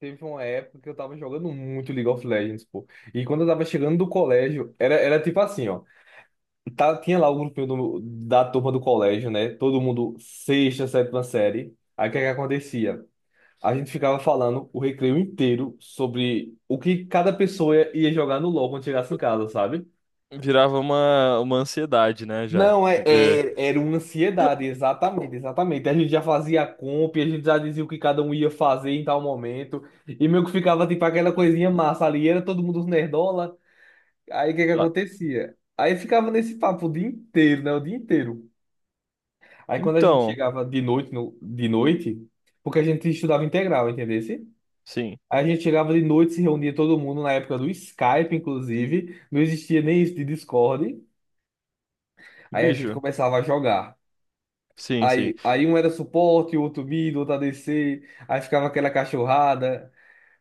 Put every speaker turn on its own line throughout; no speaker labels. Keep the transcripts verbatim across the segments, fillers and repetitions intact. Teve uma época que eu tava jogando muito League of Legends, pô. E quando eu tava chegando do colégio, era, era tipo assim, ó. Tá, tinha lá o grupinho do- da turma do colégio, né? Todo mundo sexta, sétima série. Aí o que é que acontecia? A gente ficava falando o recreio inteiro sobre o que cada pessoa ia ia jogar no LoL quando chegasse em casa, sabe?
Virava uma, uma ansiedade, né, já.
Não, é,
Porque.
é- era uma ansiedade, exatamente, exatamente. A gente já fazia a compra, e a gente já dizia o que cada um ia fazer em tal momento, e meio que ficava tipo aquela coisinha massa ali, era todo mundo nerdola, aí o que que
Ah,
acontecia? Aí ficava nesse papo o dia inteiro, né? O dia inteiro. Aí quando a gente
então,
chegava de noite, no, de noite, porque a gente estudava integral, entendesse?
sim.
Aí a gente chegava de noite, se reunia todo mundo na época do Skype, inclusive, não existia nem isso de Discord, aí a gente
Bicho,
começava a jogar.
sim, sim.
Aí, aí um era suporte, o outro mid, o outro A D C, aí ficava aquela cachorrada.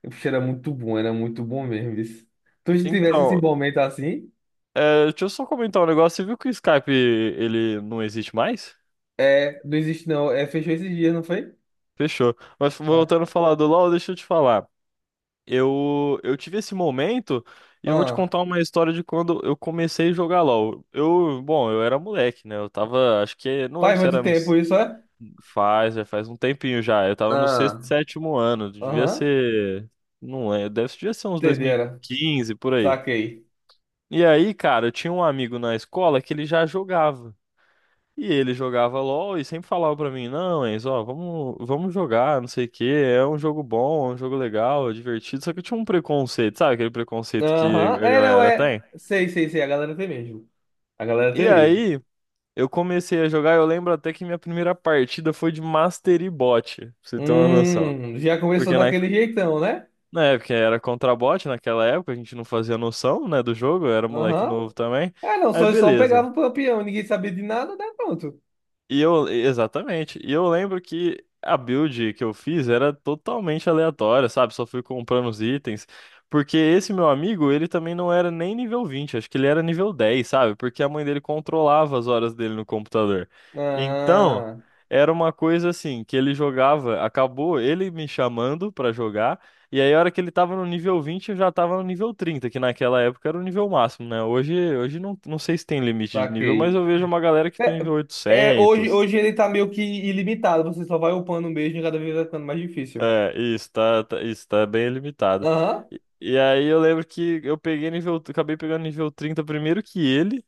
Puxa, era muito bom, era muito bom mesmo isso. Tu se tivesse esse
Então,
momento assim,
é, deixa eu só comentar um negócio. Você viu que o Skype ele não existe mais?
é, não existe não, é, fechou esses dias, não foi?
Fechou. Mas
É.
voltando a falar do LoL, deixa eu te falar. Eu, eu tive esse momento e eu vou te
Ah,
contar uma história de quando eu comecei a jogar LoL. Eu, bom, eu era moleque, né? Eu tava, acho que, não
faz
lembro se
muito
era no.
tempo isso, é?
Faz, já faz um tempinho já. Eu tava no
Ah,
sexto, sétimo ano. Devia
aham,
ser. Não é, deve, devia ser uns
entenderam,
dois mil e quinze por aí.
saquei.
E aí, cara, eu tinha um amigo na escola que ele já jogava. E ele jogava LOL e sempre falava pra mim: Não, Enzo, ó, vamos, vamos jogar, não sei o quê. É um jogo bom, é um jogo legal, é divertido. Só que eu tinha um preconceito, sabe aquele preconceito que
Aham,
a
é, não,
galera
é,
tem?
sei, sei, sei, a galera tem mesmo, a galera tem
E
mesmo.
aí, eu comecei a jogar. Eu lembro até que minha primeira partida foi de Mastery Bot, pra você ter uma noção.
Hum, já começou
Porque na,
daquele jeitão, né?
É, porque era contrabot naquela época, a gente não fazia noção, né, do jogo, eu era moleque
Aham,
novo também.
é, não,
Aí
só, só pegava
beleza.
o peão, ninguém sabia de nada, né, pronto.
E eu, exatamente. E eu lembro que a build que eu fiz era totalmente aleatória, sabe? Só fui comprando os itens. Porque esse meu amigo, ele também não era nem nível vinte, acho que ele era nível dez, sabe? Porque a mãe dele controlava as horas dele no computador. Então,
Ah,
era uma coisa assim, que ele jogava, acabou ele me chamando pra jogar. E aí, a hora que ele tava no nível vinte, eu já tava no nível trinta, que naquela época era o nível máximo, né? Hoje, hoje não, não sei se tem limite de nível, mas
saquei.
eu vejo uma galera que tá nível
É, é, hoje,
oitocentos.
hoje ele tá meio que ilimitado, você só vai upando mesmo e cada vez vai ficando mais difícil.
É, isso, tá, tá- isso, tá bem limitado.
Aham.
E, e aí eu lembro que eu peguei nível, acabei pegando nível trinta primeiro que ele,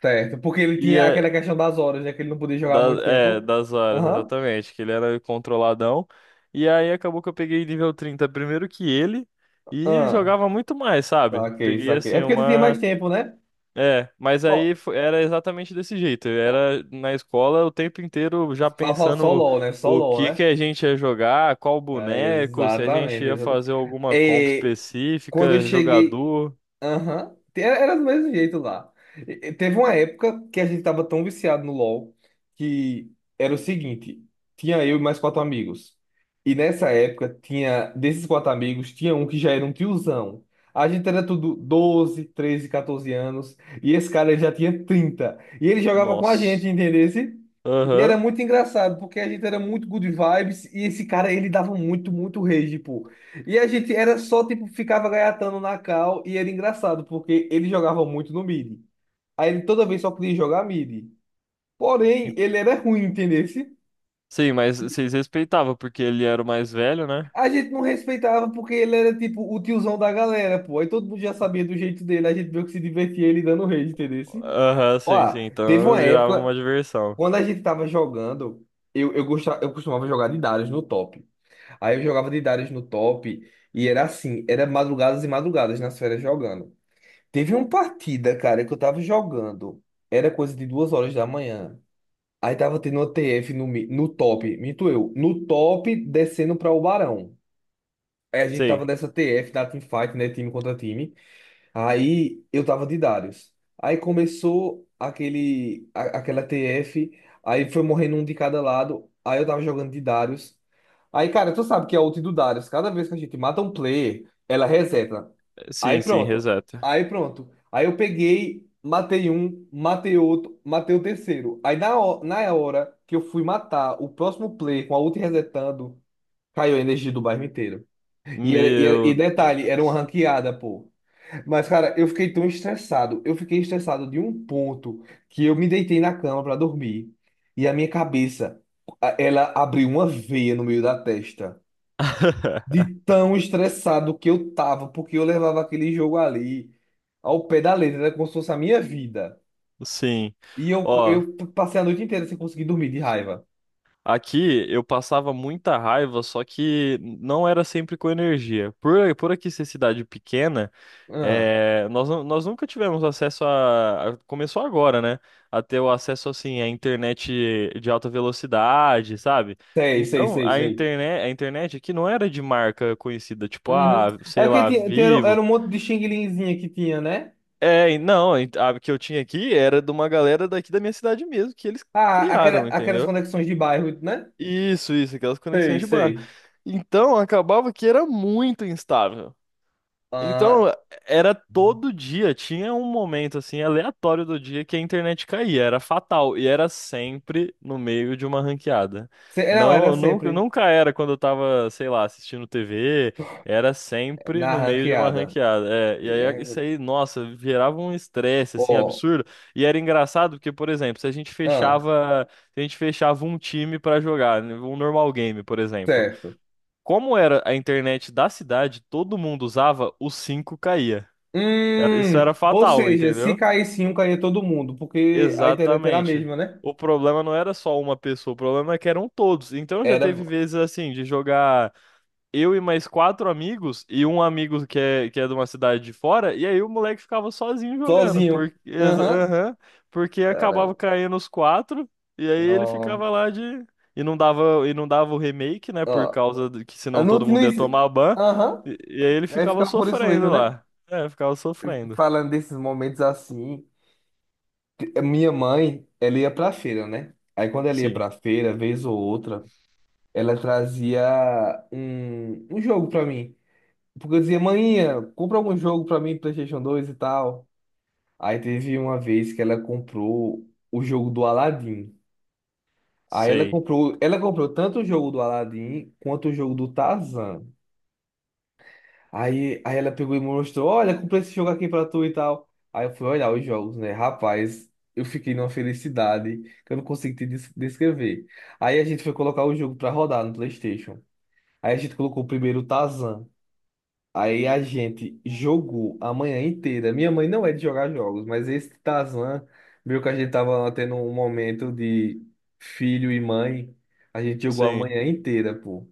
Certo, porque ele
e
tinha
é,
aquela questão das horas, né? Que ele não podia jogar há
da-
muito
é,
tempo.
das horas,
Aham.
exatamente, que ele era controladão. E aí acabou que eu peguei nível trinta primeiro que ele, e
Ah,
jogava muito mais, sabe?
saquei,
Peguei
saquei. É
assim
porque tu tinha mais
uma.
tempo, né?
É, mas
Ó,
aí fo- era exatamente desse jeito. Eu
ó,
era na escola o tempo inteiro já
só fala- só
pensando
LOL, né? Só
o
LOL,
que que
né?
a gente ia jogar, qual
Ah,
boneco, se a gente
exatamente,
ia
exatamente.
fazer alguma comp
É, quando eu
específica,
cheguei.
jogador.
Aham. Te- Era do mesmo jeito lá. E- e Teve uma época que a gente tava tão viciado no LoL que era o seguinte: tinha eu e mais quatro amigos. E nessa época, tinha desses quatro amigos, tinha um que já era um tiozão. A gente era tudo doze treze quatorze anos. E esse cara ele já tinha trinta E ele jogava com a gente,
Nossa.
entendesse? E
Aham.
era muito engraçado, porque a gente era muito good vibes. E esse cara, ele dava muito, muito rage, pô. E a gente era só, tipo, ficava gaiatando na cal e era engraçado, porque ele jogava muito no mid. Aí ele toda vez só queria jogar mid. Porém, ele era ruim, entendesse?
Sim, mas vocês respeitavam porque ele era o mais velho, né?
A gente não respeitava porque ele era, tipo, o tiozão da galera, pô. Aí todo mundo já sabia do jeito dele, a gente meio que se divertia ele dando rage, entendesse?
Aham, sim,
Ó,
sim.
teve
Então
uma
virava
época,
uma diversão.
quando a gente tava jogando, eu, eu, gostava, eu costumava jogar de Darius no top. Aí eu jogava de Darius no top e era assim, era madrugadas e madrugadas nas férias jogando. Teve uma partida, cara, que eu tava jogando. Era coisa de duas horas da manhã. Aí tava tendo uma T F no, mi- no top, minto eu, no top descendo pra o Barão. Aí a gente tava
Sei.
nessa T F da teamfight, né? Time contra time. Aí eu tava de Darius. Aí começou aquele, a- aquela T F. Aí foi morrendo um de cada lado. Aí eu tava jogando de Darius. Aí, cara, tu sabe que é a ult do Darius, cada vez que a gente mata um player, ela reseta. Aí
Sim, sim,
pronto.
exato.
Aí pronto. Aí eu peguei, matei um, matei outro, matei o terceiro. Aí na, ho- na hora que eu fui matar o próximo player com a ult resetando, caiu a energia do bairro inteiro. E, era- e, era- e
Meu
detalhe, era uma
Deus.
ranqueada, pô. Mas, cara, eu fiquei tão estressado. Eu fiquei estressado de um ponto que eu me deitei na cama pra dormir. E a minha cabeça, a- ela abriu uma veia no meio da testa. De tão estressado que eu tava, porque eu levava aquele jogo ali ao pé da letra, era como se fosse a minha vida.
Sim.
E eu,
Ó.
eu passei a noite inteira sem conseguir dormir de raiva.
Aqui eu passava muita raiva, só que não era sempre com energia. Por, por aqui ser cidade pequena,
Ah,
é, nós, nu- nós nunca tivemos acesso. a, a- Começou agora, né? A ter o acesso assim à internet de alta velocidade, sabe?
sei, sei,
Então
sei,
a
sei.
internet, a internet aqui não era de marca conhecida, tipo,
Uhum.
ah,
É
sei
porque
lá,
tinha, tinha- era
Vivo.
um monte de xing-linzinha que tinha, né?
É, e não, a que eu tinha aqui era de uma galera daqui da minha cidade mesmo, que eles
Ah, aquela,
criaram,
aquelas
entendeu?
conexões de bairro, né?
Isso, isso, aquelas conexões
Sei,
de bairro.
sei.
Então, acabava que era muito instável.
Ah,
Então, era todo dia, tinha um momento assim aleatório do dia que a internet caía, era fatal e era sempre no meio de uma ranqueada.
se- não, era
Não, nunca,
sempre
nunca era quando eu tava, sei lá, assistindo T V, era sempre
na
no meio de uma
ranqueada.
ranqueada. É, e
É,
aí isso aí, nossa, gerava um estresse assim
ó,
absurdo. E era engraçado porque, por exemplo, se a gente
ah,
fechava, se a gente fechava um time pra jogar, né, um normal game, por exemplo.
certo.
Como era a internet da cidade, todo mundo usava, o cinco caía. Era- isso
Hum,
era
ou
fatal,
seja, se
entendeu?
caísse um, caía todo mundo, porque a internet era a
Exatamente.
mesma, né?
O problema não era só uma pessoa, o problema é que eram todos. Então já
Era
teve vezes assim de jogar eu e mais quatro amigos, e um amigo que é, que é, de uma cidade de fora, e aí o moleque ficava sozinho jogando,
sozinho.
porque, exa-
Aham.
aham, porque acabava
Caramba.
caindo os quatro, e aí ele
Não,
ficava lá de. E não dava, e não dava o remake, né? Por
ó,
causa do, que
ah,
senão
não,
todo
não,
mundo ia
exi-
tomar ban.
aham.
E, e aí ele
Aí
ficava
ficava por isso mesmo,
sofrendo
né?
lá. É, ficava sofrendo.
Falando desses momentos assim, a minha mãe, ela ia pra feira, né? Aí quando ela ia
Sim,
pra feira, vez ou outra, ela trazia um, um jogo pra mim. Porque eu dizia, mãe, compra algum jogo pra mim, PlayStation dois e tal. Aí teve uma vez que ela comprou o jogo do Aladdin. Aí ela
sei.
comprou, ela comprou tanto o jogo do Aladdin quanto o jogo do Tarzan. Aí, aí ela pegou e me mostrou, olha, comprei esse jogo aqui pra tu e tal. Aí eu fui olhar os jogos, né? Rapaz, eu fiquei numa felicidade que eu não consigo te des- descrever. Aí a gente foi colocar o jogo pra rodar no PlayStation. Aí a gente colocou primeiro o Tarzan. Aí a gente jogou a manhã inteira. Minha mãe não é de jogar jogos, mas esse Tazan, viu que a gente tava tendo um momento de filho e mãe, a gente jogou a
Sim,
manhã inteira, pô.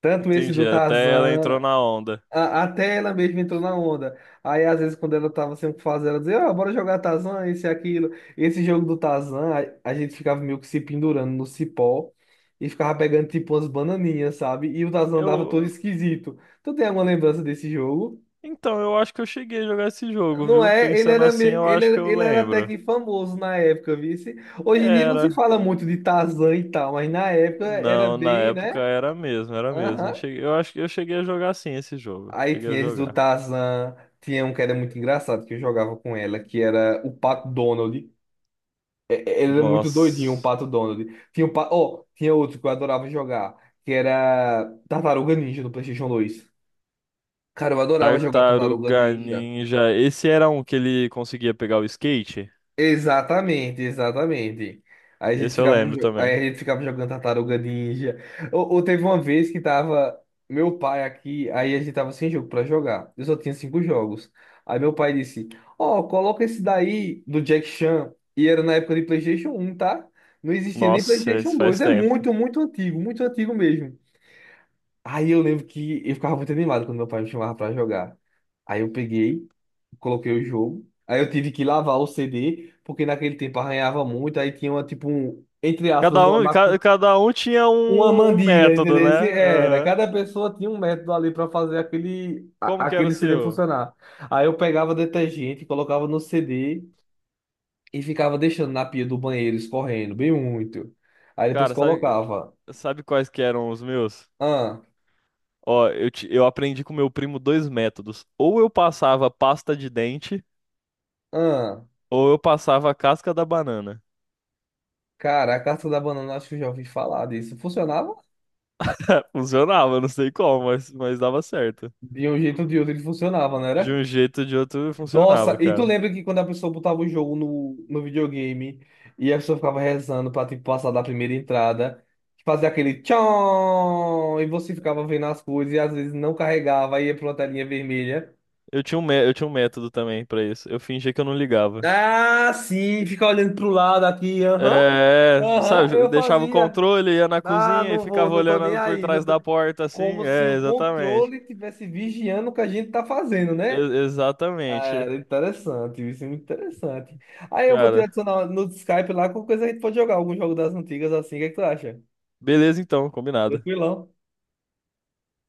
Tanto esse do
entendi. Até ela entrou
Tazan,
na onda.
a- até ela mesma entrou na onda. Aí às vezes quando ela tava sem o que fazer, ela dizia, ó, bora jogar Tazan, esse e aquilo. Esse jogo do Tazan, a, a gente ficava meio que se pendurando no cipó e ficava pegando tipo umas bananinhas, sabe? E o Tazan dava todo
Eu.
esquisito. Tu tem alguma lembrança desse jogo?
Então, eu acho que eu cheguei a jogar esse jogo,
Não
viu?
é? Ele
Pensando
era, me-
assim, eu
ele,
acho
era-
que eu
ele era até
lembro.
que famoso na época, vice. Hoje em dia não se
Era.
fala muito de Tarzan e tal, mas na época era
Não, na
bem,
época
né?
era mesmo, era mesmo. Eu
Aham.
cheguei- eu acho que eu cheguei a jogar sim esse jogo.
Aí
Cheguei a
tinha esse do
jogar.
Tarzan, tinha um que era muito engraçado, que eu jogava com ela, que era o Pato Donald. É- é- Ele era muito doidinho, o
Nossa.
Pato Donald. Tinha, o pa... oh, tinha outro que eu adorava jogar, que era Tartaruga Ninja no PlayStation dois. Cara, eu adorava jogar Tartaruga
Tartaruga
Ninja.
Ninja. Esse era um que ele conseguia pegar o skate?
Exatamente, exatamente. Aí a gente
Esse eu
ficava,
lembro
jo-
também.
aí a gente ficava jogando Tartaruga Ninja. Ou, ou teve uma vez que tava meu pai aqui, aí a gente tava sem jogo pra jogar. Eu só tinha cinco jogos. Aí meu pai disse: Ó, coloca esse daí do Jack Chan. E era na época de PlayStation um, tá? Não existia nem
Nossa,
PlayStation
esse
dois
faz
É
tempo.
muito, muito antigo, muito antigo mesmo. Aí eu lembro que eu ficava muito animado quando meu pai me chamava pra jogar. Aí eu peguei coloquei o jogo. Aí eu tive que lavar o C D, porque naquele tempo arranhava muito, aí tinha uma, tipo, um, entre aspas,
Cada
uma,
um,
macu...
ca- cada um tinha
uma
um, um
mandiga,
método,
entendeu?
né?
Esse Era,
Aham.
cada pessoa tinha um método ali para fazer aquele, a-
Como que era o
aquele C D
seu?
funcionar. Aí eu pegava detergente, colocava no C D e ficava deixando na pia do banheiro escorrendo, bem muito. Aí depois
Cara, sabe,
colocava,
sabe quais que eram os meus?
ah,
Ó, eu, ti- eu aprendi com meu primo dois métodos. Ou eu passava pasta de dente,
ah,
ou eu passava a casca da banana.
cara, a casca da banana, acho que eu já ouvi falar disso. Funcionava?
Funcionava, não sei como, mas, mas dava certo.
De um jeito ou de outro ele funcionava,
De
né?
um jeito ou de outro
Nossa,
funcionava,
e tu
cara.
lembra que quando a pessoa botava o jogo no, no videogame e a pessoa ficava rezando pra tipo, passar da primeira entrada, fazia aquele tchon, e você ficava vendo as coisas e às vezes não carregava, aí ia pra uma telinha vermelha.
Eu tinha um, mé- eu tinha um método também pra isso. Eu fingia que eu não ligava.
Ah, sim, fica olhando pro lado aqui, aham,
É,
aham,
sabe, eu
eu
deixava o
fazia.
controle, ia na
Ah,
cozinha e
não vou,
ficava
não tô nem
olhando por
aí. Não
trás
tô...
da porta assim.
Como se
É,
o
exatamente.
controle tivesse vigiando o que a gente tá fazendo, né?
E-
Ah,
Exatamente,
Era interessante, isso é muito interessante. Aí eu vou te
cara.
adicionar no Skype lá, qualquer coisa a gente pode jogar algum jogo das antigas assim, o que é que tu acha?
Beleza então, combinado.
Tranquilão.